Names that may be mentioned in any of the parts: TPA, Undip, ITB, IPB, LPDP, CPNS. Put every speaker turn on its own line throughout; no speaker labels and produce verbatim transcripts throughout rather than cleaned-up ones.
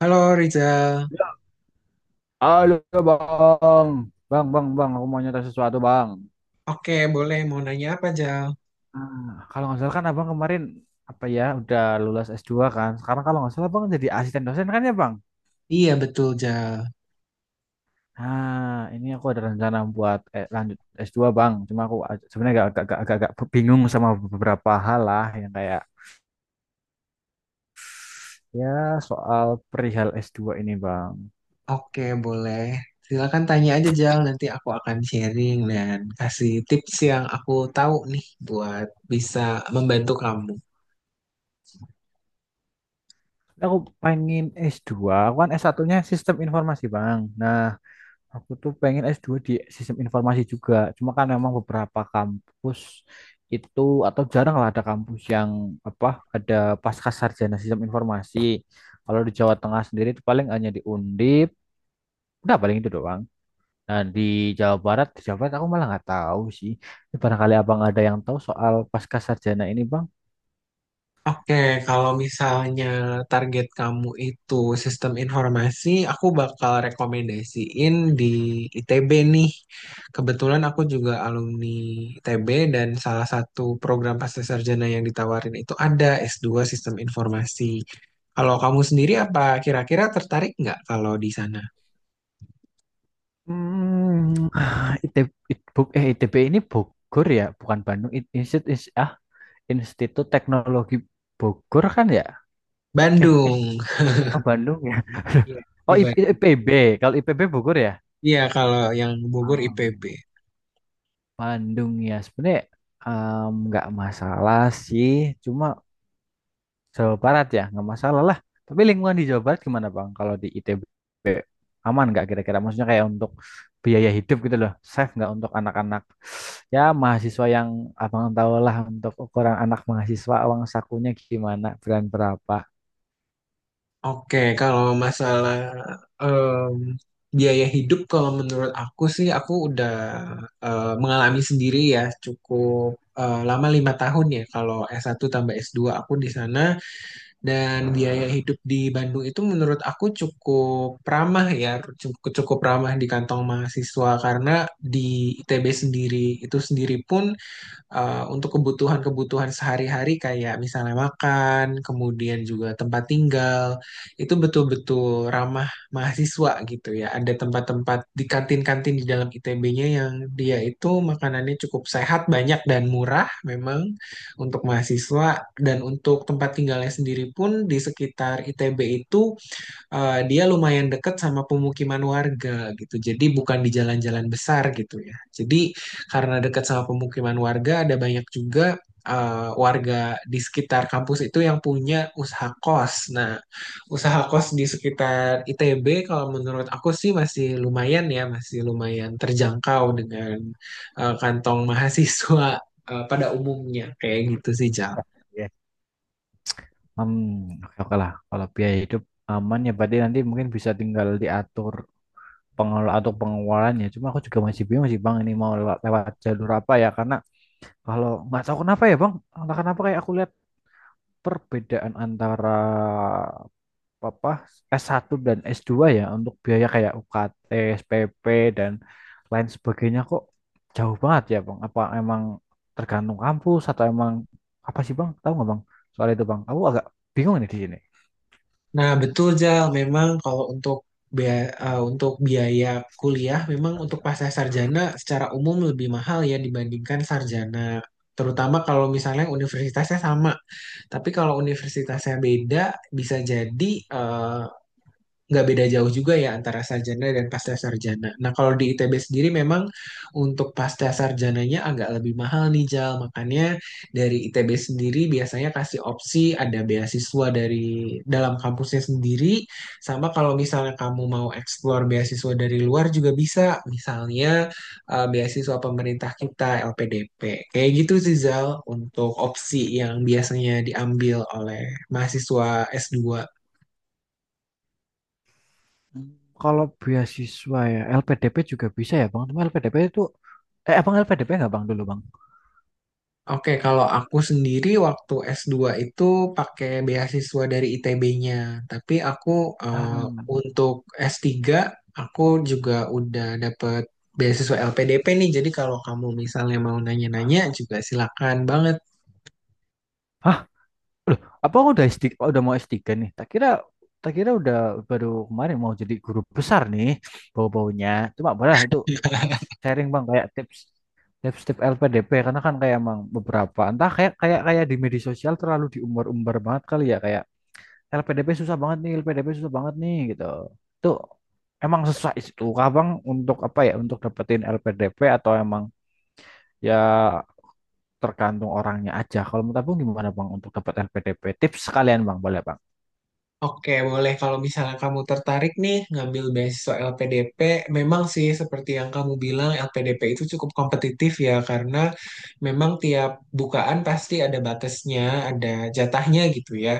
Halo Rizal.
Ya, halo bang, bang, bang, bang, aku mau nyata sesuatu bang.
Oke, boleh. Mau nanya apa, Jal?
Ah, Kalau nggak salah kan abang kemarin apa ya udah lulus s dua kan. Sekarang kalau nggak salah bang jadi asisten dosen kan ya bang.
Iya, betul, Jal.
Nah, ini aku ada rencana buat eh, lanjut s dua, bang. Cuma aku ag- sebenarnya agak agak, agak agak bingung sama beberapa hal lah yang kayak ya soal perihal s dua ini bang.
Oke, boleh. Silakan tanya aja, Jal. Nanti aku akan sharing dan kasih tips yang aku tahu nih buat bisa membantu kamu.
Aku pengen s dua. Aku kan es satu-nya sistem informasi bang. Nah, aku tuh pengen s dua di sistem informasi juga. Cuma kan memang beberapa kampus itu atau jarang lah ada kampus yang apa ada pasca sarjana sistem informasi. Kalau di Jawa Tengah sendiri itu paling hanya di Undip, udah paling itu doang. Nah, di Jawa Barat, di Jawa Barat aku malah nggak tahu sih. Ini barangkali abang ada yang tahu soal pasca sarjana ini bang?
Oke, kalau misalnya target kamu itu sistem informasi, aku bakal rekomendasiin di I T B nih. Kebetulan aku juga alumni I T B dan salah satu program pascasarjana yang ditawarin itu ada S dua Sistem Informasi. Kalau kamu sendiri apa kira-kira tertarik nggak kalau di sana?
Hmm, ITB, Itbug- eh, I T B ini Bogor ya, bukan Bandung. I- Institut, Ins- ah, Institut Teknologi Bogor kan ya? Eh,
Bandung.
oh Bandung ya.
Iya,
Oh,
di
I- I-
Bandung.
IPB. Kalau I P B Bogor ya?
Iya, kalau yang Bogor
Oh,
I P B.
Bandung ya. Sebenarnya em, nggak masalah sih. Cuma Jawa Barat ya, nggak masalah lah. Tapi lingkungan di Jawa Barat gimana, Bang? Kalau di I T B aman nggak kira-kira? Maksudnya kayak untuk biaya hidup gitu loh. Safe nggak untuk anak-anak? Ya, mahasiswa yang abang tahu lah untuk ukuran anak mahasiswa uang sakunya gimana, bulan berapa.
Oke, kalau masalah em, biaya hidup, kalau menurut aku sih, aku udah eh, mengalami sendiri ya cukup eh, lama lima tahun ya. Kalau s satu tambah s dua aku di sana dan biaya hidup di Bandung itu menurut aku cukup ramah ya, cukup cukup ramah di kantong mahasiswa karena di I T B sendiri itu sendiri pun eh, untuk kebutuhan-kebutuhan sehari-hari kayak misalnya makan, kemudian juga tempat tinggal, itu betul-betul ramah mahasiswa gitu ya. Ada tempat-tempat di kantin-kantin di dalam I T B-nya yang dia itu makanannya cukup sehat, banyak dan murah memang untuk mahasiswa, dan untuk tempat tinggalnya sendiri pun di sekitar I T B itu eh, dia lumayan dekat sama pemukiman warga gitu. Jadi bukan di jalan-jalan besar gitu ya. Jadi karena dekat sama pemukiman warga ada banyak juga eh, warga di sekitar kampus itu yang punya usaha kos. Nah, usaha kos di sekitar I T B kalau menurut aku sih masih lumayan ya, masih lumayan terjangkau dengan eh, kantong mahasiswa eh, pada umumnya kayak gitu sih, Ja.
Ya. Hmm, oke oke lah. Kalau biaya hidup aman ya berarti nanti mungkin bisa tinggal diatur pengelola atau pengeluarannya. Cuma aku juga masih bingung sih, Bang, ini mau lewa- lewat jalur apa ya, karena kalau nggak tahu kenapa ya, Bang, entah kenapa kayak aku lihat perbedaan antara apa es satu dan es dua ya untuk biaya kayak U K T, S P P, dan lain sebagainya kok jauh banget ya, Bang. Apa emang tergantung kampus atau emang apa sih, Bang? Tahu nggak, Bang? Soal itu, Bang, aku agak bingung nih di sini.
Nah, betul Jal. Memang kalau untuk biaya, untuk biaya kuliah, memang untuk pasca sarjana secara umum lebih mahal ya dibandingkan sarjana. Terutama kalau misalnya universitasnya sama. Tapi kalau universitasnya beda, bisa jadi eh, nggak beda jauh juga ya antara sarjana dan pascasarjana. Nah, kalau di I T B sendiri memang untuk pascasarjananya agak lebih mahal nih, Jal. Makanya dari I T B sendiri biasanya kasih opsi ada beasiswa dari dalam kampusnya sendiri. Sama kalau misalnya kamu mau explore beasiswa dari luar juga bisa. Misalnya eh, beasiswa pemerintah kita, L P D P. Kayak gitu sih, Zal, untuk opsi yang biasanya diambil oleh mahasiswa S dua.
Kalau beasiswa ya, L P D P juga bisa ya, Bang. Cuma L P D P itu, eh, Abang L P D P nggak, Bang, dulu, Bang?
Oke, kalau aku sendiri waktu s dua itu pakai beasiswa dari I T B-nya, tapi aku eh,
Ah.
untuk s tiga aku juga udah dapet beasiswa L P D P nih. Jadi kalau kamu misalnya mau nanya-nanya juga silakan banget.
Hah? Loh, Abang udah s tiga, udah mau es tiga nih? Tak kira, tak kira udah baru kemarin mau jadi guru besar nih bau-baunya. Cuma boleh lah itu sharing, Bang, kayak tips tips-tips L P D P, karena kan kayak emang beberapa entah kayak kayak kayak di media sosial terlalu diumbar-umbar banget kali ya, kayak L P D P susah banget nih, L P D P susah banget nih gitu. Itu emang susah itu, Abang, untuk apa ya? Untuk dapetin L P D P atau emang ya tergantung orangnya aja. Kalau menurut Abang gimana, Bang, untuk dapat L P D P? Tips sekalian, Bang, boleh Bang.
Oke, boleh. Kalau misalnya kamu tertarik nih ngambil beasiswa L P D P, memang sih seperti yang kamu bilang L P D P itu cukup kompetitif ya karena memang tiap bukaan pasti ada batasnya, ada jatahnya gitu ya.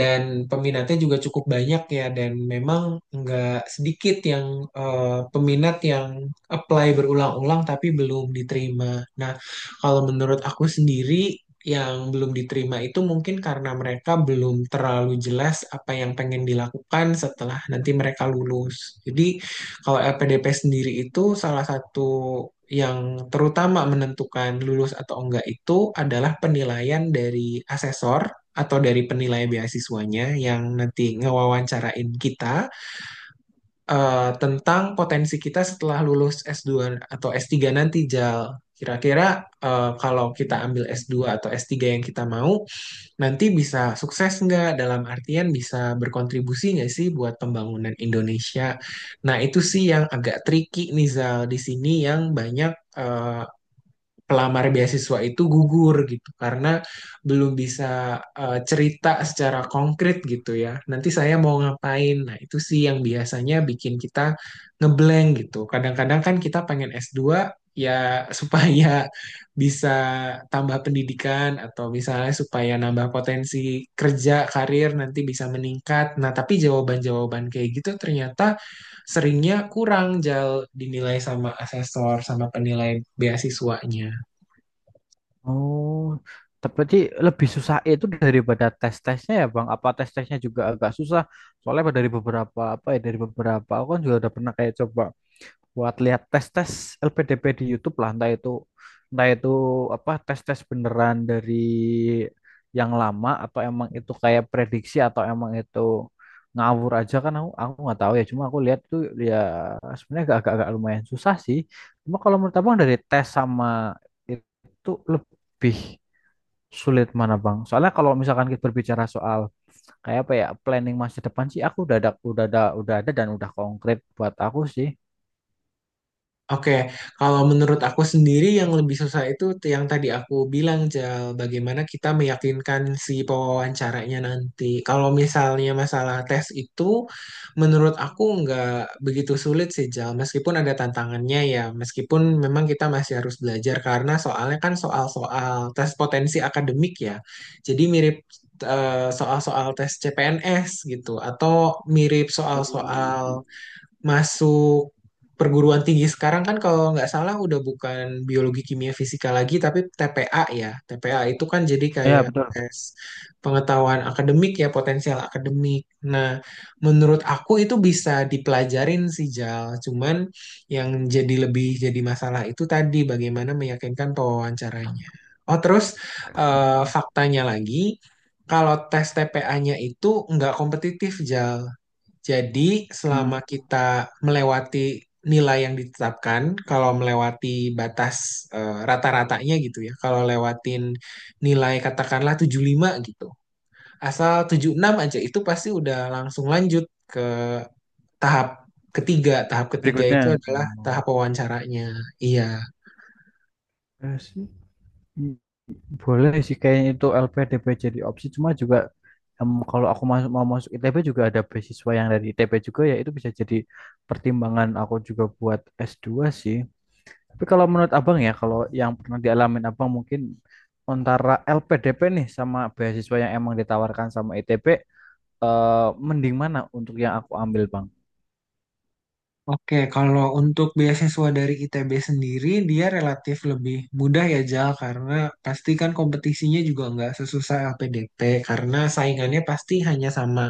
Dan peminatnya juga cukup banyak ya, dan memang nggak sedikit yang eh, peminat yang apply berulang-ulang tapi belum diterima. Nah, kalau menurut aku sendiri yang belum diterima itu mungkin karena mereka belum terlalu jelas apa yang pengen dilakukan setelah nanti mereka lulus. Jadi kalau L P D P sendiri itu salah satu yang terutama menentukan lulus atau enggak itu adalah penilaian dari asesor atau dari penilai beasiswanya yang nanti ngewawancarain kita eh, tentang potensi kita setelah lulus s dua atau s tiga nanti, Jal. Kira-kira eh, kalau kita ambil s dua atau s tiga yang kita mau, nanti bisa sukses nggak? Dalam artian bisa berkontribusi nggak sih buat pembangunan Indonesia? Nah, itu sih yang agak tricky nih, Zal. Di sini yang banyak eh, pelamar beasiswa itu gugur gitu karena belum bisa eh, cerita secara konkret gitu ya. Nanti saya mau ngapain? Nah, itu sih yang biasanya bikin kita ngeblank gitu. Kadang-kadang kan kita pengen S dua ya supaya bisa tambah pendidikan atau misalnya supaya nambah potensi kerja, karir nanti bisa meningkat. Nah, tapi jawaban-jawaban kayak gitu ternyata seringnya kurang jal dinilai sama asesor sama penilai beasiswanya.
Oh, tapi lebih susah itu daripada tes-tesnya ya, Bang. Apa tes-tesnya juga agak susah? Soalnya dari beberapa apa ya dari beberapa aku kan juga udah pernah kayak coba buat lihat tes-tes L P D P di YouTube lah, entah itu entah itu apa tes-tes beneran dari yang lama atau emang itu kayak prediksi atau emang itu ngawur aja, kan aku aku nggak tahu ya. Cuma aku lihat tuh ya, sebenarnya agak, agak agak lumayan susah sih. Cuma kalau menurut abang dari tes sama itu lebih sulit mana, bang, soalnya kalau misalkan kita berbicara soal kayak apa ya planning masa depan sih, aku udah ada udah ada udah ada dan udah konkret buat aku
Oke, kalau menurut aku sendiri yang lebih susah itu t- yang tadi aku bilang, Jal, bagaimana kita meyakinkan si pewawancaranya nanti. Kalau misalnya masalah tes itu, menurut aku nggak begitu sulit sih, Jal, meskipun ada tantangannya ya, meskipun memang kita masih harus belajar karena soalnya kan soal-soal tes potensi akademik ya, jadi mirip eh, soal-soal tes C P N S gitu, atau mirip
sih.
soal-soal masuk perguruan tinggi. Sekarang kan kalau nggak salah udah bukan biologi, kimia, fisika lagi tapi T P A ya. T P A itu kan jadi
Ya,
kayak
betul.
tes pengetahuan akademik ya, potensial akademik. Nah, menurut aku itu bisa dipelajarin sih, Jal. Cuman yang jadi lebih jadi masalah itu tadi bagaimana meyakinkan pewawancaranya. Oh, terus eh,
Hmm.
faktanya lagi kalau tes T P A-nya itu nggak kompetitif, Jal. Jadi,
Hmm.
selama kita melewati nilai yang ditetapkan, kalau melewati batas eh, rata-ratanya gitu ya, kalau lewatin nilai katakanlah tujuh puluh lima gitu, asal tujuh puluh enam aja itu pasti udah langsung lanjut ke tahap ketiga. Tahap ketiga
Berikutnya.
itu adalah
Oh,
tahap wawancaranya. Iya.
ya sih. Hmm, Boleh sih kayaknya itu L P D P jadi opsi. Cuma juga em, kalau aku masuk mau masuk I T B juga ada beasiswa yang dari I T B juga, ya itu bisa jadi pertimbangan aku juga buat es dua sih. Tapi kalau menurut Abang ya, kalau yang pernah dialamin Abang, mungkin antara L P D P nih sama beasiswa yang emang ditawarkan sama I T B, eh, mending mana untuk yang aku ambil, Bang?
Oke, kalau untuk beasiswa dari I T B sendiri, dia relatif lebih mudah ya, Jal, karena pasti kan kompetisinya juga nggak sesusah L P D P, karena saingannya pasti hanya sama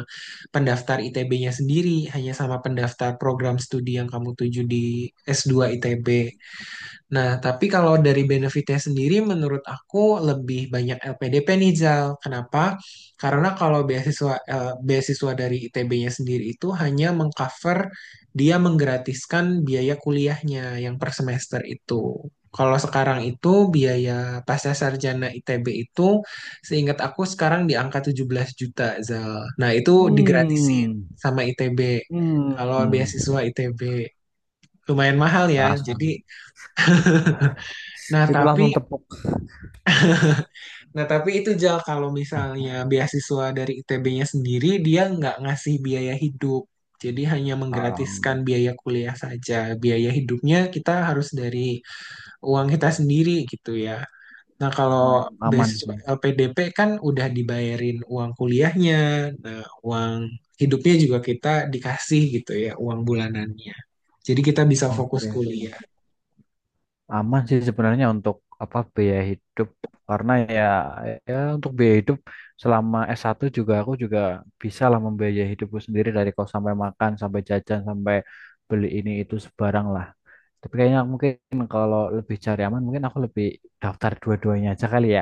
pendaftar I T B-nya sendiri, hanya sama pendaftar program studi yang kamu tuju di S dua I T B. Nah, tapi kalau dari benefitnya sendiri, menurut aku lebih banyak L P D P nih, Zal. Kenapa? Karena kalau beasiswa eh, beasiswa dari I T B-nya sendiri itu hanya mengcover, dia menggratiskan biaya kuliahnya yang per semester itu. Kalau sekarang itu biaya pasca sarjana I T B itu, seingat aku sekarang di angka tujuh belas juta, Zal. Nah, itu digratisin
Hmm.
sama I T B. Kalau
Hmm.
beasiswa I T B lumayan mahal ya. Jadi,
Langsung.
nah
Itu
tapi
langsung tepuk.
Nah, tapi itu Jal, kalau misalnya beasiswa dari I T B-nya sendiri, dia nggak ngasih biaya hidup. Jadi hanya menggratiskan
Am,
biaya kuliah saja. Biaya hidupnya kita harus dari uang kita sendiri gitu ya. Nah,
am,
kalau
aman
beasiswa
sih.
L P D P kan udah dibayarin uang kuliahnya, nah, uang hidupnya juga kita dikasih gitu ya, uang bulanannya. Jadi kita bisa fokus
Oke sih.
kuliah.
Aman sih sebenarnya untuk apa biaya hidup, karena ya ya untuk biaya hidup selama s satu juga aku juga bisa lah membiayai hidupku sendiri dari kos sampai makan sampai jajan sampai beli ini itu sebarang lah. Tapi kayaknya mungkin kalau lebih cari aman mungkin aku lebih daftar dua-duanya aja kali ya.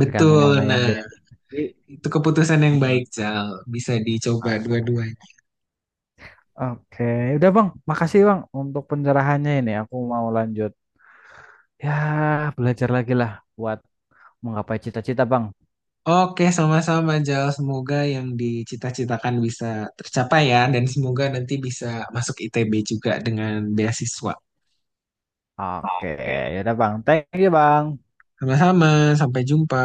Tergantung
Betul,
mana yang
nah
jadi. Jadi.
itu keputusan yang baik,
Ya.
Jal. Bisa dicoba dua-duanya.
Oke, udah, Bang. Makasih, Bang, untuk pencerahannya ini. Aku mau lanjut. Ya, belajar lagi lah buat menggapai cita-cita, Bang.
Oke, sama-sama Jal. Semoga yang dicita-citakan bisa tercapai ya, dan semoga nanti bisa masuk I T B juga dengan beasiswa.
Oke,
Oke.
ya udah, Bang. Thank you, Bang.
Sama-sama, sampai jumpa.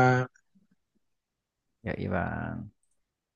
Ya, iya, Bang.